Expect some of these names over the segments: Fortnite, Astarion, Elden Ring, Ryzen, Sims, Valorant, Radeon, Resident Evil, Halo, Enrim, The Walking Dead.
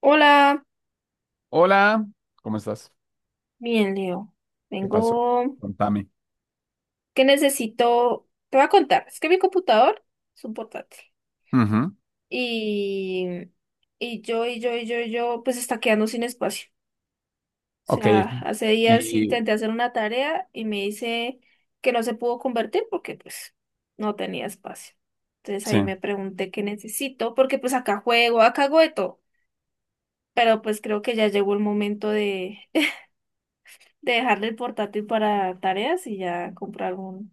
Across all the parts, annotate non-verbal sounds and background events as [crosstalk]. Hola, Hola, ¿cómo estás? bien, Leo. ¿Qué pasó? Vengo Contame. que necesito, te voy a contar, es que mi computador es un portátil Ujú. y, y yo, y yo, y yo, y yo, pues está quedando sin espacio. O Ok. sea, hace días Y intenté hacer una tarea y me dice que no se pudo convertir porque pues no tenía espacio. Entonces sí, ahí me pregunté qué necesito, porque pues acá juego, acá hago de todo, pero pues creo que ya llegó el momento de, [laughs] de dejarle el portátil para tareas y ya comprar uno.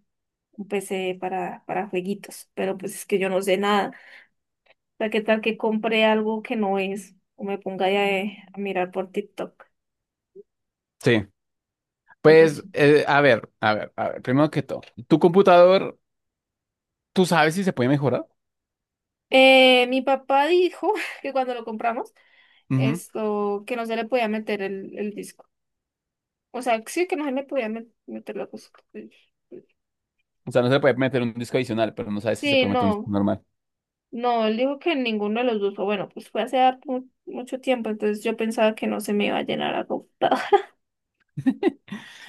Un PC para, jueguitos, pero pues es que yo no sé nada. O sea, ¿qué tal que compre algo que no es? O me ponga ya a mirar por TikTok sí. de Pues, noche. A ver, primero que todo, tu computador, ¿tú sabes si se puede mejorar? Mi papá dijo [laughs] que cuando lo compramos, Ujú. esto, que no se le podía meter el disco. O sea, sí que no se le podía meter la cosa. O sea, no se puede meter un disco adicional, pero no sabes si se Sí, puede meter un disco no, normal. no, él dijo que ninguno de los dos, o bueno, pues fue hace harto mucho tiempo, entonces yo pensaba que no se me iba a llenar la computadora.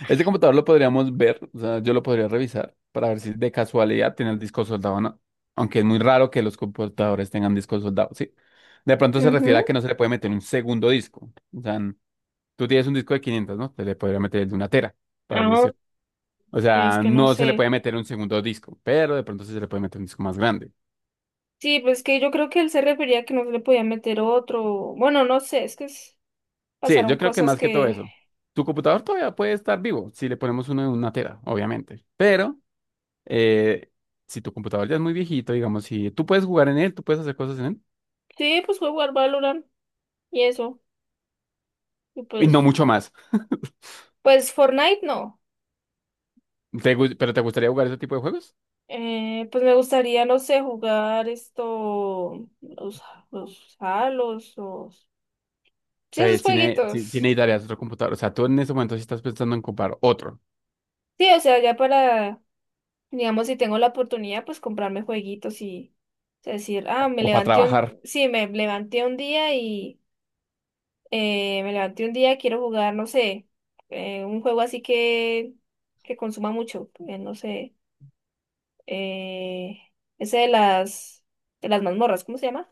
Este computador lo podríamos ver, o sea, yo lo podría revisar para ver si de casualidad tiene el disco soldado o no. Aunque es muy raro que los computadores tengan discos soldados, ¿sí? De pronto [laughs] se refiere Ujú. a que no se le puede meter un segundo disco. O sea, tú tienes un disco de 500, ¿no? Te le podría meter el de una tera, para así Ah, decir. O sí, es sea, que no no se le sé. puede meter un segundo disco, pero de pronto sí se le puede meter un disco más grande. Sí, pues que yo creo que él se refería a que no se le podía meter otro. Bueno, no sé, Sí, pasaron yo creo que cosas más que todo que. eso. Tu computador todavía puede estar vivo si le ponemos uno de una tera, obviamente. Pero eh, si tu computador ya es muy viejito, digamos, si tú puedes jugar en él, tú puedes hacer cosas en él Sí, pues fue jugar Valorant y eso. Y y pues. no mucho más. Pues Fortnite no. ¿Pero te gustaría jugar ese tipo de juegos? Pues me gustaría, no sé, jugar esto. Los Halos, los. Sí, esos Entonces, si jueguitos. necesitarías otro computador, o sea, tú en ese momento sí estás pensando en comprar otro Sí, o sea, ya para. Digamos, si tengo la oportunidad, pues comprarme jueguitos y. O sea, decir, ah, me o, para levanté trabajar. un. Sí, me levanté un día y. Me levanté un día, quiero jugar, no sé, un juego así que consuma mucho, no sé, eh, ese de las mazmorras, ¿cómo se llama?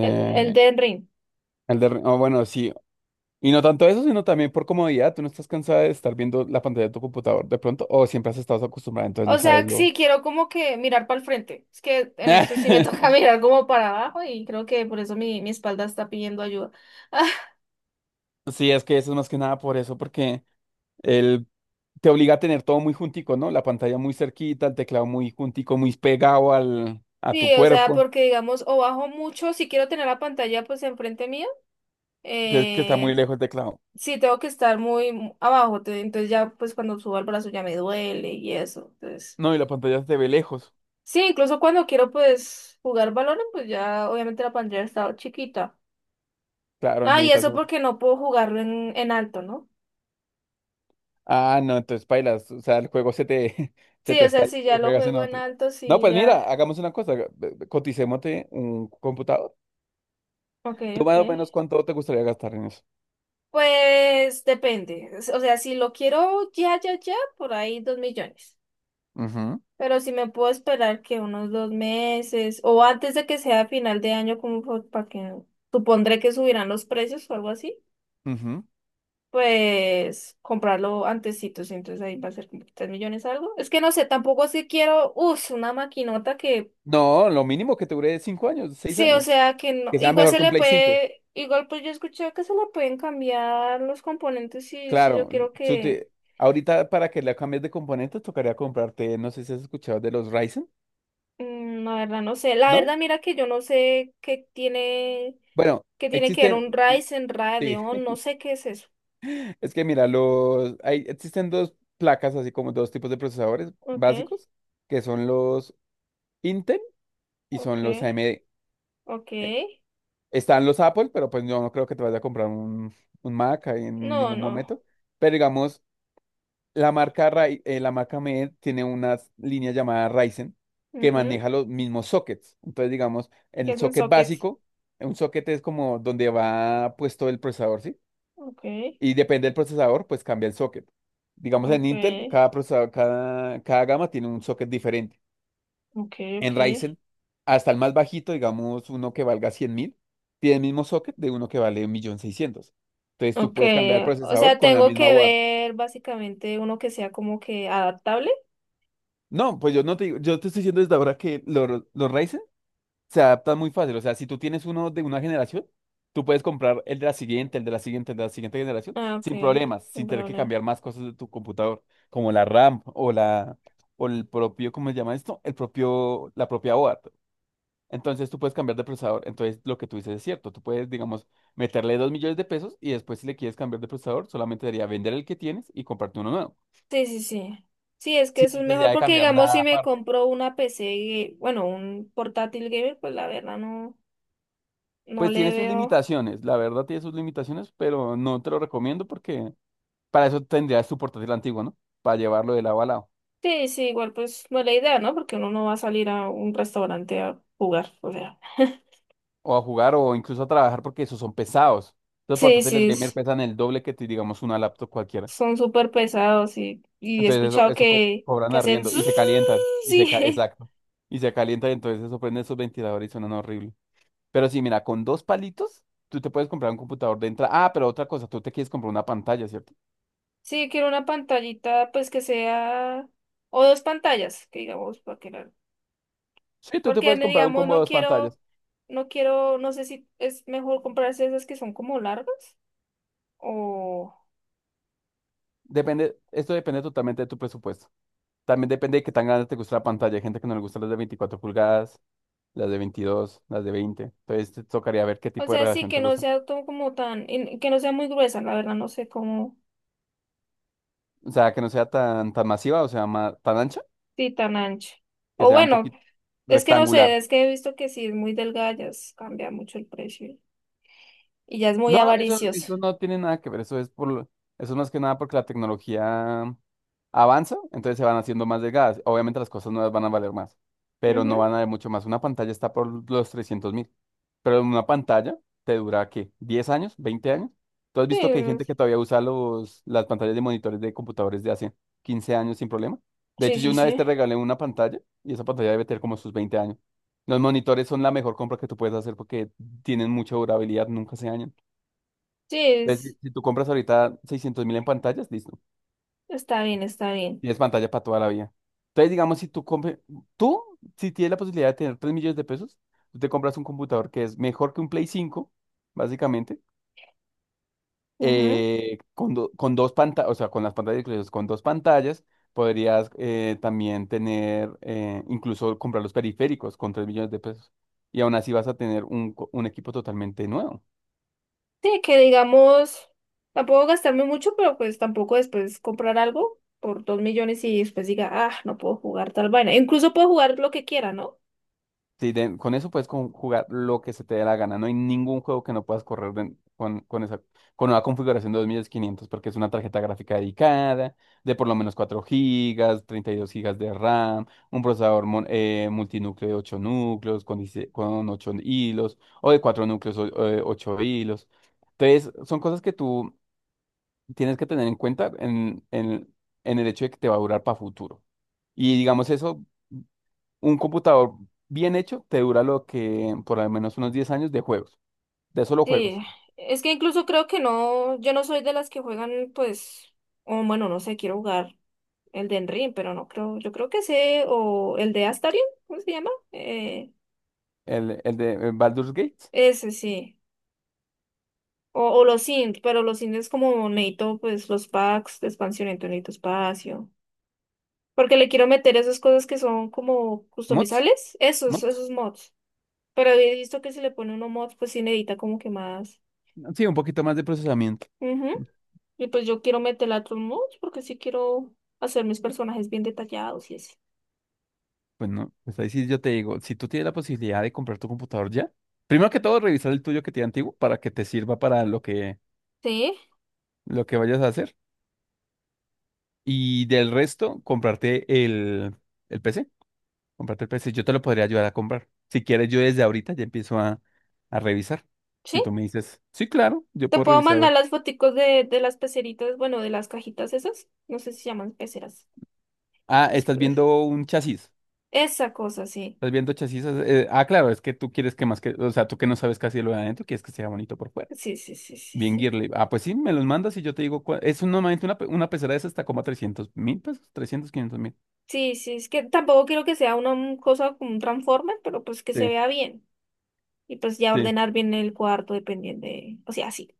El Elden Ring. el de, o bueno, sí. Y no tanto eso, sino también por comodidad. Tú no estás cansada de estar viendo la pantalla de tu computador de pronto, o siempre has estado acostumbrada, entonces no O sea, sabes lo. sí, quiero como que mirar para el frente. Es que en esto sí me [laughs] toca [laughs] mirar como para abajo y creo que por eso mi espalda está pidiendo ayuda. [laughs] Sí, es que eso es más que nada por eso, porque él te obliga a tener todo muy juntico, ¿no? La pantalla muy cerquita, el teclado muy juntico, muy pegado al, a tu Sí, o sea, cuerpo. porque digamos, o bajo mucho, si quiero tener la pantalla pues enfrente mío, Entonces, que está muy eh, lejos el teclado. Sí, tengo que estar muy abajo, entonces ya pues cuando subo al brazo ya me duele y eso. Entonces, No, y la pantalla se ve lejos. sí, incluso cuando quiero pues jugar balones, pues ya obviamente la pantalla está chiquita. Claro, Ah, y necesitas eso una-. porque no puedo jugarlo en alto, ¿no? Ah, no, entonces bailas. O sea, el juego [laughs] se Sí, te o sea, está, si ya lo lo juegas en juego en otro. alto, No, sí, pues mira, ya. hagamos una cosa, coticémote un computador. Ok, ¿Tú ok. más o menos cuánto te gustaría gastar en eso? Pues depende. O sea, si lo quiero ya, ya, ya, por ahí dos millones. Ujú, Pero si me puedo esperar que unos dos meses o antes de que sea final de año, como para que no, supondré que subirán los precios o algo así, ujú. pues comprarlo antesito, sí, entonces ahí va a ser como 3 millones algo. Es que no sé, tampoco si quiero, uff, una maquinota que, No, lo mínimo que te dure es 5 años, seis sí, o años. sea, que no, Que sea igual mejor se que un le Play 5. puede, igual pues yo escuché que se le pueden cambiar los componentes si, si yo Claro, quiero tú que te- ahorita para que le cambies de componentes tocaría comprarte, no sé si has escuchado de los Ryzen, la verdad no sé. La ¿no? verdad, mira que yo no sé Bueno, qué tiene que ver existen, un sí. Ryzen, Radeon, [laughs] no sé qué es eso. Es que mira, existen dos placas, así como dos tipos de procesadores Ok, básicos, que son los Intel y ok, son los AMD. ok. Están los Apple, pero pues yo no creo que te vayas a comprar un Mac ahí en No, ningún no. momento. Pero digamos, la marca, la marca MED tiene una línea llamada Ryzen que Ujú. maneja los mismos sockets. Entonces, digamos, ¿Qué el es un socket socket? básico, un socket es como donde va puesto el procesador, ¿sí? Ok, Y depende del procesador, pues cambia el socket. Digamos, en ok, Intel, cada procesador, cada gama tiene un socket diferente ok, ok. en Ryzen, hasta el más bajito, digamos uno que valga 100.000, tiene el mismo socket de uno que vale 1.600.000. Entonces tú Ok, puedes cambiar el o procesador sea, con la tengo misma que board. ver básicamente uno que sea como que adaptable. No, pues yo no te digo, yo te estoy diciendo desde ahora que los Ryzen se adaptan muy fácil. O sea, si tú tienes uno de una generación, tú puedes comprar el de la siguiente, el de la siguiente, el de la siguiente generación, Ah, ok, sin problemas, sin sin tener que problema. cambiar más cosas de tu computador, como la RAM o la, o el propio, ¿cómo se llama esto? El propio, la propia board. Entonces tú puedes cambiar de procesador. Entonces lo que tú dices es cierto. Tú puedes, digamos, meterle 2 millones de pesos y después si le quieres cambiar de procesador, solamente sería vender el que tienes y comprarte uno nuevo. Sí, sí, sí. Sí, es que Sin eso es mejor necesidad de porque, cambiar digamos, si nada me aparte. compro una PC, bueno, un portátil gamer, pues la verdad no, no Pues le tiene sus veo. limitaciones, la verdad tiene sus limitaciones, pero no te lo recomiendo porque para eso tendrías tu portátil antiguo, ¿no? Para llevarlo de lado a lado. Sí, sí, igual pues no es la idea, ¿no? Porque uno no va a salir a un restaurante a jugar, o sea. [laughs] O a jugar o incluso a trabajar porque esos son pesados. Los Sí, sí, portátiles gamer pesan el doble que, digamos, una laptop cualquiera. son súper pesados y he Entonces eso, escuchado eso co- cobran que hacen... arriendo zzzz, y se calientan, y sí, exacto. Y se calientan, entonces eso prende esos ventiladores y suenan horrible. Pero sí, mira, con dos palitos, tú te puedes comprar un computador de entrada. Ah, pero otra cosa, tú te quieres comprar una pantalla, ¿cierto? [laughs] sí, quiero una pantallita, pues que sea... O dos pantallas, que digamos, para que la- Sí, tú te Porque puedes comprar un digamos, combo de no dos quiero, pantallas. No sé si es mejor comprarse esas que son como largas o, Depende, esto depende totalmente de tu presupuesto. También depende de qué tan grande te gusta la pantalla. Hay gente que no le gustan las de 24 pulgadas, las de 22, las de 20. Entonces te tocaría ver qué o tipo de sea, sí, relación te que no gusta. sea todo como tan, y que no sea muy gruesa, la verdad, no sé cómo, O sea, que no sea tan, tan masiva, o sea, tan ancha, sí, tan ancha. que O sea un bueno, poquito es que no sé, rectangular. es que he visto que si es muy delgada ya cambia mucho el precio y ya es muy No, avaricioso. eso no tiene nada que ver, eso es por, eso es más que nada porque la tecnología avanza, entonces se van haciendo más delgadas. Obviamente las cosas nuevas van a valer más, pero Ujú, no van a valer mucho más. Una pantalla está por los 300.000, pero una pantalla te dura, ¿qué? ¿10 años? ¿20 años? ¿Tú has visto que hay sí, gente que todavía usa las pantallas de monitores de computadores de hace 15 años sin problema? De sí, hecho, yo sí, una vez sí. te regalé una pantalla y esa pantalla debe tener como sus 20 años. Los monitores son la mejor compra que tú puedes hacer porque tienen mucha durabilidad, nunca se dañan. Sí, Entonces, si tú compras ahorita 600 mil en pantallas, listo. está bien, está bien. Tienes pantalla para toda la vida. Entonces, digamos, si tú compras, tú, si tienes la posibilidad de tener 3 millones de pesos, tú te compras un computador que es mejor que un Play 5, básicamente, Ujú. Con dos pantallas, o sea, con las pantallas incluidas, con dos pantallas, podrías también tener, incluso comprar los periféricos con 3 millones de pesos. Y aún así vas a tener un equipo totalmente nuevo. Sí, que digamos, tampoco gastarme mucho, pero pues tampoco después comprar algo por dos millones y después diga, ah, no puedo jugar tal vaina. Incluso puedo jugar lo que quiera, ¿no? Sí, con eso puedes jugar lo que se te dé la gana. No hay ningún juego que no puedas correr con esa con una configuración de 2.500 porque es una tarjeta gráfica dedicada de por lo menos 4 gigas 32 gigas de RAM, un procesador multinúcleo de 8 núcleos con, 16 con 8 hilos o de 4 núcleos, o 8 hilos. Entonces, son cosas que tú tienes que tener en cuenta en, en el hecho de que te va a durar para futuro. Y digamos eso. Un computador bien hecho te dura lo que por al menos unos 10 años de juegos, de solo Sí, juegos. es que incluso creo que no, yo no soy de las que juegan, pues, o bueno, no sé, quiero jugar el de Enrim, pero no creo, yo creo que sé, o el de Astarion, ¿cómo se llama? El de el Baldur's Gate, Ese sí. O los Sims, pero los Sims es como necesito, pues, los packs de expansión, entonces necesito espacio. Porque le quiero meter esas cosas que son como mods, customizables, esos, mods. esos mods. Pero he visto que si le pone uno mods, pues sí necesita como que más. Sí, un poquito más de procesamiento. Ujú. Y pues yo quiero meterle otros mods porque sí quiero hacer mis personajes bien detallados y así. Pues no, pues ahí sí yo te digo, si tú tienes la posibilidad de comprar tu computador ya, primero que todo revisar el tuyo que tiene antiguo para que te sirva para lo que, Sí, lo que vayas a hacer. Y del resto, comprarte el PC. Comprarte el PC, yo te lo podría ayudar a comprar. Si quieres, yo desde ahorita ya empiezo a revisar. sí. Si tú me dices, sí, claro, yo Te puedo puedo revisar. A mandar ver". las foticos de las peceritas, bueno, de las cajitas esas. No sé si se llaman peceras. Ah, Pues, estás pues, viendo un chasis. esa cosa, sí. Estás viendo chasis. Claro, es que tú quieres que más que, o sea, tú que no sabes casi lo de adentro, quieres que sea bonito por fuera. Sí, sí, sí, sí, Bien, sí. Girly. Ah, pues sí, me los mandas y yo te digo, normalmente una pecera de esas está como a 300 mil pesos, 300 500 mil. Sí, sí, es que tampoco quiero que sea una cosa como un Transformer, pero pues que se Sí, vea bien. Y pues ya sí. ordenar bien el cuarto dependiendo de... O sea, sí.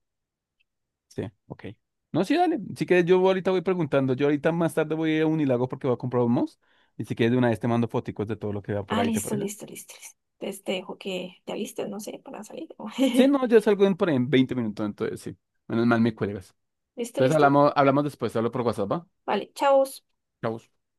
Sí, ok. No, sí, dale. Si quieres, yo ahorita voy preguntando. Yo ahorita más tarde voy a ir a Unilago porque voy a comprar un mouse. Y si quieres, de una vez te mando foticos de todo lo que vea por Ah, ahí, ¿te listo, parece? listo, listo, listo. Entonces te dejo que te alistes, no sé, para salir. Sí, no, yo salgo por ahí en 20 minutos, entonces sí. Menos mal me cuelgas. [laughs] ¿Listo, Entonces listo? hablamos, hablamos después, te hablo por WhatsApp, ¿va? Vale, chao. Chau.